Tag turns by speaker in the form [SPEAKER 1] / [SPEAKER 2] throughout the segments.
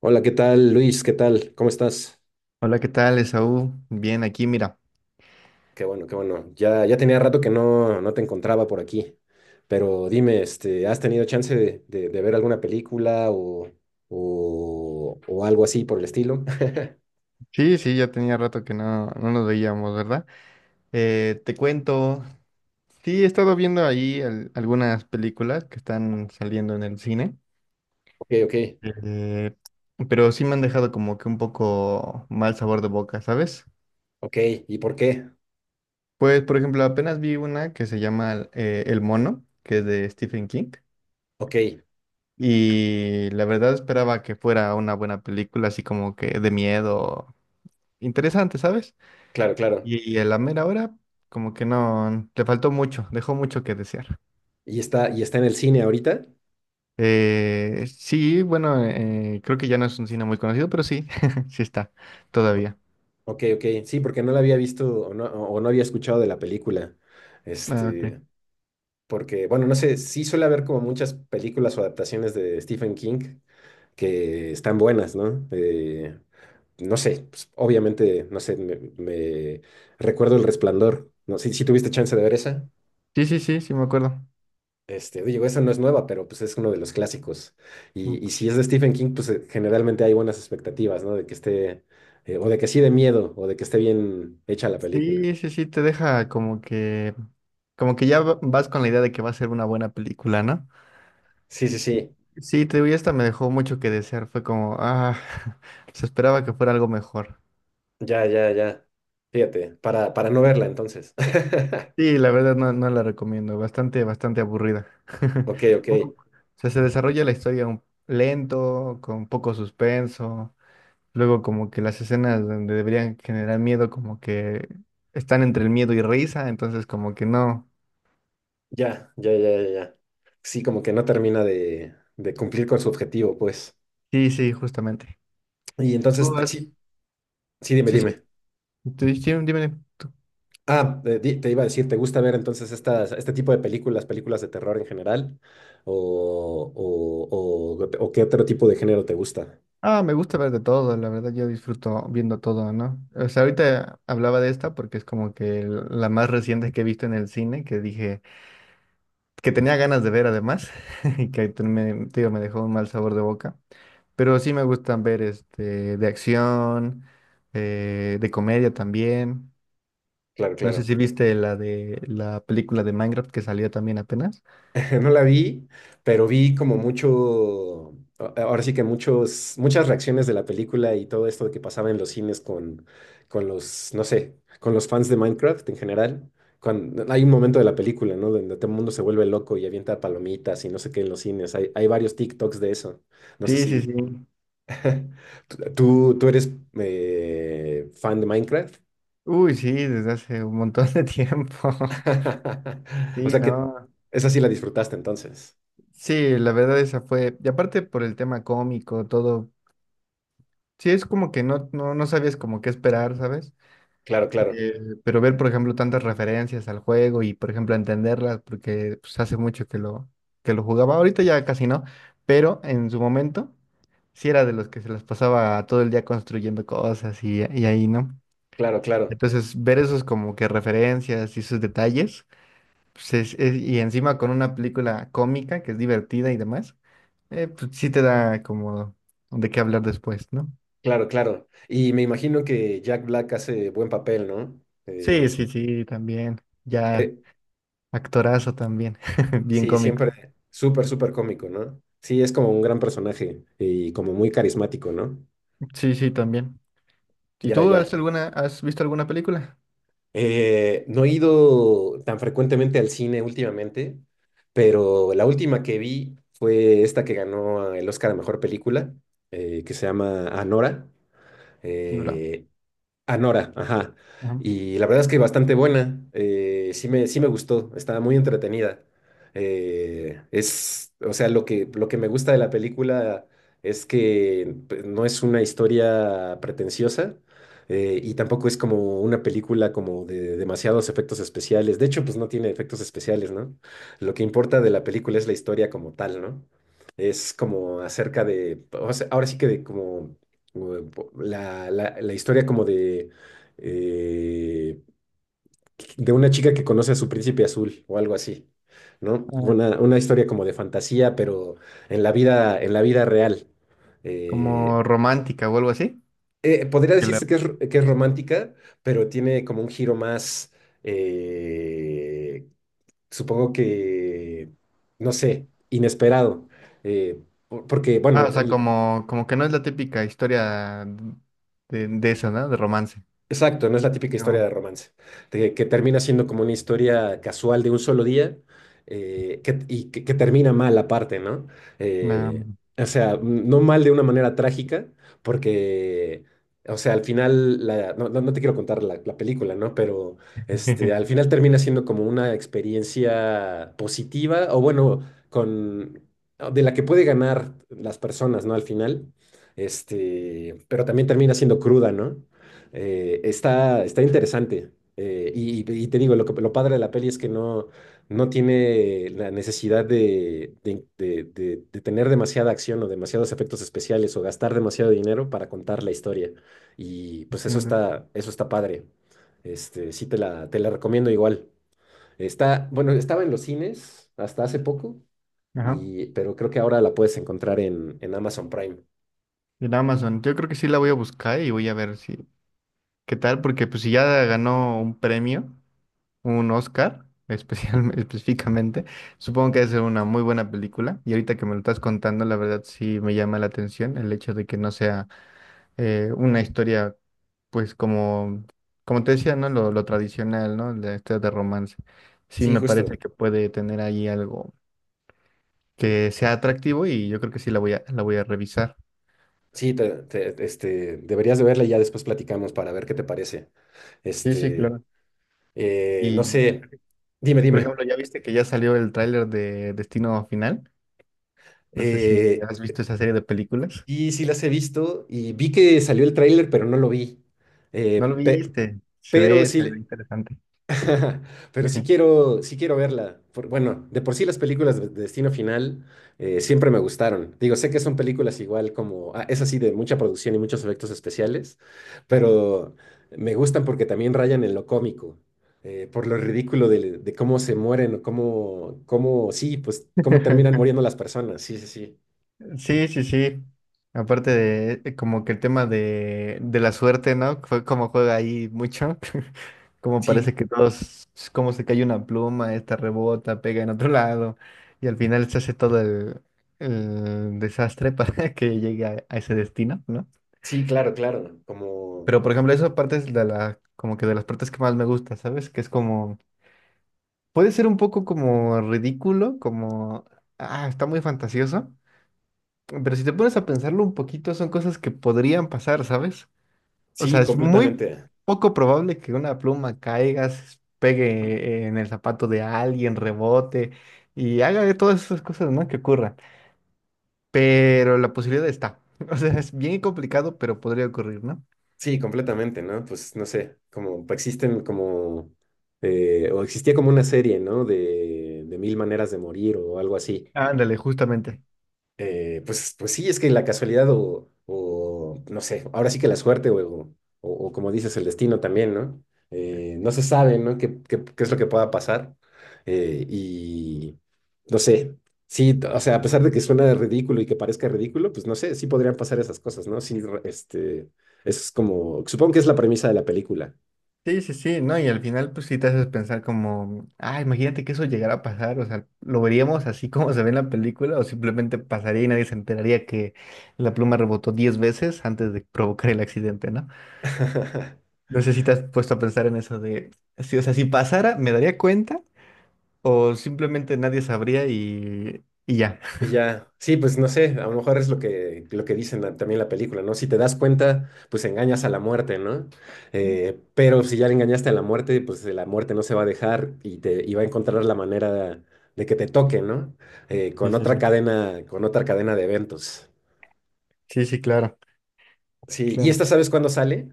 [SPEAKER 1] Hola, ¿qué tal, Luis? ¿Qué tal? ¿Cómo estás?
[SPEAKER 2] Hola, ¿qué tal, Esaú? Bien, aquí, mira.
[SPEAKER 1] Qué bueno, qué bueno. Ya tenía rato que no te encontraba por aquí. Pero dime, este, ¿has tenido chance de ver alguna película o, o algo así por el estilo?
[SPEAKER 2] Sí, sí, ya tenía rato que no nos veíamos, ¿verdad? Te cuento, sí, he estado viendo ahí algunas películas que están saliendo en el cine,
[SPEAKER 1] Ok, ok,
[SPEAKER 2] eh, pero sí me han dejado como que un poco mal sabor de boca, ¿sabes?
[SPEAKER 1] ok. ¿Y por qué?
[SPEAKER 2] Pues, por ejemplo, apenas vi una que se llama El Mono, que es de Stephen King,
[SPEAKER 1] Ok,
[SPEAKER 2] y la verdad esperaba que fuera una buena película, así como que de miedo, interesante, ¿sabes?
[SPEAKER 1] claro, claro.
[SPEAKER 2] Y a la mera hora, como que no, le faltó mucho, dejó mucho que desear.
[SPEAKER 1] Y está en el cine ahorita?
[SPEAKER 2] Sí, bueno, creo que ya no es un cine muy conocido, pero sí, sí está, todavía.
[SPEAKER 1] Ok, ok. Sí, porque no la había visto o no, o no había escuchado de la película.
[SPEAKER 2] Ah, ok.
[SPEAKER 1] Este, porque, bueno, no sé, sí suele haber como muchas películas o adaptaciones de Stephen King que están buenas, ¿no? No sé, pues, obviamente, no sé, recuerdo El Resplandor, no sé si tuviste chance de ver esa.
[SPEAKER 2] Sí, sí, sí, sí me acuerdo.
[SPEAKER 1] Este, digo, esa no es nueva, pero pues es uno de los clásicos. Y si es de Stephen King, pues generalmente hay buenas expectativas, ¿no? De que esté, o de que sí de miedo, o de que esté bien hecha la película.
[SPEAKER 2] Sí, sí, sí, te deja como que ya vas con la idea de que va a ser una buena película, ¿no?
[SPEAKER 1] Sí, sí, sí,
[SPEAKER 2] Sí, te digo, y esta me dejó mucho que desear, fue como, ah, se esperaba que fuera algo mejor.
[SPEAKER 1] ya, ya, ya. Fíjate, para no verla entonces.
[SPEAKER 2] Sí, la verdad no, no la recomiendo, bastante, bastante aburrida.
[SPEAKER 1] Ok, ok.
[SPEAKER 2] Un poco- O sea, se desarrolla la historia lento, con poco suspenso, luego como que las escenas donde deberían generar miedo como que están entre el miedo y risa, entonces como que no.
[SPEAKER 1] Ya, ya, ya, ya, ya. Sí, como que no termina de, cumplir con su objetivo, pues.
[SPEAKER 2] Sí, sí, justamente.
[SPEAKER 1] Y entonces,
[SPEAKER 2] Tú has...
[SPEAKER 1] sí, sí, dime,
[SPEAKER 2] Sí, sí.
[SPEAKER 1] dime.
[SPEAKER 2] Sí, dime tú.
[SPEAKER 1] Iba a decir, ¿te gusta ver entonces estas, este tipo de películas, películas de terror en general? ¿O, o, o qué otro tipo de género te gusta?
[SPEAKER 2] Ah, me gusta ver de todo, la verdad yo disfruto viendo todo, ¿no? O sea, ahorita hablaba de esta porque es como que la más reciente que he visto en el cine, que dije... que tenía ganas de ver además, y te digo, me dejó un mal sabor de boca. Pero sí me gustan ver este, de acción, de comedia también.
[SPEAKER 1] Claro,
[SPEAKER 2] No sé
[SPEAKER 1] claro.
[SPEAKER 2] si viste la de la película de Minecraft que salió también apenas.
[SPEAKER 1] No la vi, pero vi como mucho, ahora sí que muchos, muchas reacciones de la película y todo esto de que pasaba en los cines con los, no sé, con los fans de Minecraft en general. Cuando, hay un momento de la película, ¿no? Donde todo el mundo se vuelve loco y avienta palomitas y no sé qué en los cines. Hay varios TikToks de eso. No sé
[SPEAKER 2] Sí, sí,
[SPEAKER 1] si
[SPEAKER 2] sí.
[SPEAKER 1] tú, tú eres fan de Minecraft.
[SPEAKER 2] Uy, sí, desde hace un montón de tiempo.
[SPEAKER 1] O
[SPEAKER 2] Sí,
[SPEAKER 1] sea que
[SPEAKER 2] no.
[SPEAKER 1] esa sí la disfrutaste entonces.
[SPEAKER 2] Sí, la verdad esa fue. Y aparte por el tema cómico, todo. Sí, es como que no sabías como qué esperar, ¿sabes?
[SPEAKER 1] Claro, claro,
[SPEAKER 2] Pero ver, por ejemplo, tantas referencias al juego y, por ejemplo, entenderlas, porque pues, hace mucho que que lo jugaba, ahorita ya casi no, pero en su momento sí era de los que se las pasaba todo el día construyendo cosas y ahí, ¿no?
[SPEAKER 1] claro, claro.
[SPEAKER 2] Entonces, ver esos como que referencias y esos detalles, pues, y encima con una película cómica que es divertida y demás, pues sí te da como de qué hablar después, ¿no?
[SPEAKER 1] Claro, claro. Y me imagino que Jack Black hace buen papel, ¿no? Eh,
[SPEAKER 2] Sí,
[SPEAKER 1] es-
[SPEAKER 2] sí, sí, también, ya
[SPEAKER 1] eh,
[SPEAKER 2] actorazo también, bien
[SPEAKER 1] sí,
[SPEAKER 2] cómico.
[SPEAKER 1] siempre súper, súper cómico, ¿no? Sí, es como un gran personaje y como muy carismático, ¿no?
[SPEAKER 2] Sí, sí, también. ¿Y
[SPEAKER 1] Ya,
[SPEAKER 2] tú has
[SPEAKER 1] ya.
[SPEAKER 2] alguna, has visto alguna película?
[SPEAKER 1] No he ido tan frecuentemente al cine últimamente, pero la última que vi fue esta que ganó el Oscar a Mejor Película, que se llama Anora.
[SPEAKER 2] No, no.
[SPEAKER 1] Eh, Anora, ajá.
[SPEAKER 2] Ajá.
[SPEAKER 1] Y la verdad es que bastante buena. Sí me, sí me gustó, estaba muy entretenida. Es, o sea, lo que me gusta de la película es que pues, no es una historia pretenciosa y tampoco es como una película como de demasiados efectos especiales. De hecho, pues no tiene efectos especiales, ¿no? Lo que importa de la película es la historia como tal, ¿no? Es como acerca de, o sea, ahora sí que de como la, la historia como eh, de una chica que conoce a su príncipe azul o algo así, ¿no?
[SPEAKER 2] Ah,
[SPEAKER 1] Una historia como de fantasía, pero en la vida real.
[SPEAKER 2] como
[SPEAKER 1] Eh,
[SPEAKER 2] romántica o algo así.
[SPEAKER 1] Podría
[SPEAKER 2] Que la-
[SPEAKER 1] decirse que es, que es romántica, pero tiene como un giro más, eh, supongo que, no sé, inesperado. Eh, por- porque, bueno,
[SPEAKER 2] Ah, o sea, como, como que no es la típica historia de esa, ¿no? De romance.
[SPEAKER 1] exacto, no es la típica historia
[SPEAKER 2] Pero,
[SPEAKER 1] de romance, de que termina siendo como una historia casual de un solo día y que termina mal aparte, ¿no? Eh,
[SPEAKER 2] la-
[SPEAKER 1] o sea, no mal de una manera trágica, porque, o sea, al final, no, no te quiero contar la, la película, ¿no? Pero este, al final termina siendo como una experiencia positiva, o bueno, con, de la que puede ganar las personas, ¿no? Al final, este, pero también termina siendo cruda, ¿no? Está, está interesante. Y, y te digo, lo, lo padre de la peli es que no, no tiene la necesidad de, de tener demasiada acción o demasiados efectos especiales o gastar demasiado dinero para contar la historia. Y pues
[SPEAKER 2] Entiendo.
[SPEAKER 1] eso está padre. Este, sí te la recomiendo igual. Está, bueno, estaba en los cines hasta hace poco,
[SPEAKER 2] Ajá.
[SPEAKER 1] y, pero creo que ahora la puedes encontrar en Amazon Prime.
[SPEAKER 2] En Amazon. Yo creo que sí la voy a buscar y voy a ver si qué tal, porque pues si ya ganó un premio. Un Oscar, específicamente. Supongo que debe ser una muy buena película. Y ahorita que me lo estás contando, la verdad sí me llama la atención el hecho de que no sea una historia, pues como, como te decía, ¿no? Lo tradicional, ¿no? De este de romance. Sí
[SPEAKER 1] Sí,
[SPEAKER 2] me parece
[SPEAKER 1] justo.
[SPEAKER 2] que puede tener ahí algo que sea atractivo y yo creo que sí la voy a revisar.
[SPEAKER 1] Sí, este, deberías de verla y ya después platicamos para ver qué te parece.
[SPEAKER 2] Sí, sí,
[SPEAKER 1] Este,
[SPEAKER 2] claro.
[SPEAKER 1] no
[SPEAKER 2] Y,
[SPEAKER 1] sé, dime,
[SPEAKER 2] por
[SPEAKER 1] dime.
[SPEAKER 2] ejemplo, ¿ya viste que ya salió el tráiler de Destino Final? No sé si
[SPEAKER 1] Eh,
[SPEAKER 2] has visto esa serie de películas.
[SPEAKER 1] y sí las he visto y vi que salió el tráiler, pero no lo vi. Eh,
[SPEAKER 2] No lo
[SPEAKER 1] pe-
[SPEAKER 2] viste.
[SPEAKER 1] pero
[SPEAKER 2] Se ve
[SPEAKER 1] sí,
[SPEAKER 2] interesante.
[SPEAKER 1] pero sí quiero verla. Bueno, de por sí las películas de Destino Final siempre me gustaron. Digo, sé que son películas igual como, ah, es así de mucha producción y muchos efectos especiales, pero me gustan porque también rayan en lo cómico, por lo ridículo de cómo se mueren o cómo, cómo, sí, pues cómo terminan muriendo las personas. Sí, sí, sí.
[SPEAKER 2] Sí, sí, sí. Aparte de como que el tema de la suerte, ¿no? Fue como juega ahí mucho. Como parece
[SPEAKER 1] Sí,
[SPEAKER 2] que todos, es como se cae una pluma, esta rebota, pega en otro lado. Y al final se hace todo el desastre para que llegue a ese destino, ¿no?
[SPEAKER 1] sí, claro, claro. Como,
[SPEAKER 2] Pero por ejemplo, esa parte es de la, como que de las partes que más me gusta, ¿sabes? Que es como puede ser un poco como ridículo, como, ah, está muy fantasioso, pero si te pones a pensarlo un poquito, son cosas que podrían pasar, ¿sabes? O sea,
[SPEAKER 1] sí,
[SPEAKER 2] es muy
[SPEAKER 1] completamente.
[SPEAKER 2] poco probable que una pluma caiga, se pegue en el zapato de alguien, rebote y haga de todas esas cosas, ¿no? Que ocurran. Pero la posibilidad está. O sea, es bien complicado, pero podría ocurrir, ¿no?
[SPEAKER 1] Sí, completamente, ¿no? Pues no sé, como pues, existen como, o existía como una serie, ¿no? De mil maneras de morir o algo así,
[SPEAKER 2] Ándale, justamente.
[SPEAKER 1] pues, pues sí, es que la casualidad o, no sé, ahora sí que la suerte o como dices, el destino también, ¿no? No se sabe, ¿no? ¿Qué, qué- qué es lo que pueda pasar? Y no sé, sí, o sea, a pesar de que suena ridículo y que parezca ridículo, pues no sé, sí podrían pasar esas cosas, ¿no? Sí, este, es como, supongo que es la premisa de la película,
[SPEAKER 2] Sí, sí, sí, no, y al final pues sí te haces pensar como, ah, imagínate que eso llegara a pasar, o sea, lo veríamos así como se ve en la película o simplemente pasaría y nadie se enteraría que la pluma rebotó 10 veces antes de provocar el accidente, ¿no? No sé si te has puesto a pensar en eso de, sí, o sea, si pasara, ¿me daría cuenta o simplemente nadie sabría y ya?
[SPEAKER 1] y ya, sí, pues no sé, a lo mejor es lo que dicen también la película, ¿no? Si te das cuenta, pues engañas a la muerte, ¿no?
[SPEAKER 2] Sí,
[SPEAKER 1] Pero si ya le engañaste a la muerte, pues la muerte no se va a dejar y te y va a encontrar la manera de que te toque, ¿no?
[SPEAKER 2] sí, sí.
[SPEAKER 1] Con otra cadena de eventos.
[SPEAKER 2] Sí, sí, claro,
[SPEAKER 1] Sí, ¿y
[SPEAKER 2] claro.
[SPEAKER 1] esta sabes cuándo sale?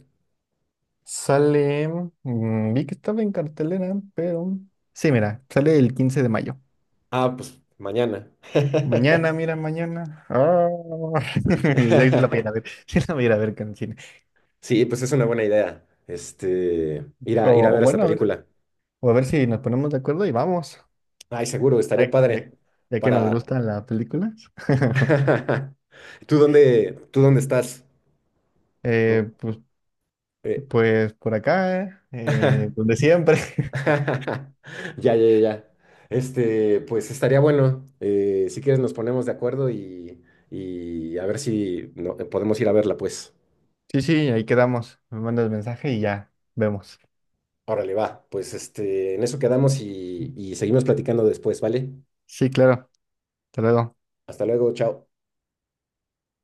[SPEAKER 2] Sale, vi que estaba en cartelera, pero... Sí, mira, sale el 15 de mayo.
[SPEAKER 1] Ah, pues mañana.
[SPEAKER 2] Mañana, mira, mañana. Ah, ya se la voy a ir a ver. Sí la voy a ir a ver con cine.
[SPEAKER 1] Sí, pues es una buena idea. Este, ir
[SPEAKER 2] O,
[SPEAKER 1] a, ir a
[SPEAKER 2] o
[SPEAKER 1] ver esta
[SPEAKER 2] bueno, a ver,
[SPEAKER 1] película.
[SPEAKER 2] o a ver si nos ponemos de acuerdo y vamos.
[SPEAKER 1] Ay, seguro,
[SPEAKER 2] Ya,
[SPEAKER 1] estaría
[SPEAKER 2] ya-
[SPEAKER 1] padre.
[SPEAKER 2] ya que nos
[SPEAKER 1] Para.
[SPEAKER 2] gustan las películas.
[SPEAKER 1] Tú dónde estás? O-
[SPEAKER 2] Eh, pues,
[SPEAKER 1] eh,
[SPEAKER 2] pues por acá, donde siempre.
[SPEAKER 1] Ya, ya, ya. ya. Este, pues estaría bueno. Si quieres, nos ponemos de acuerdo y a ver si podemos ir a verla, pues.
[SPEAKER 2] Sí, sí, ahí quedamos. Me mandas mensaje y ya vemos.
[SPEAKER 1] Órale, va. Pues este, en eso quedamos y seguimos platicando después, ¿vale?
[SPEAKER 2] Sí, claro. Hasta luego.
[SPEAKER 1] Hasta luego, chao.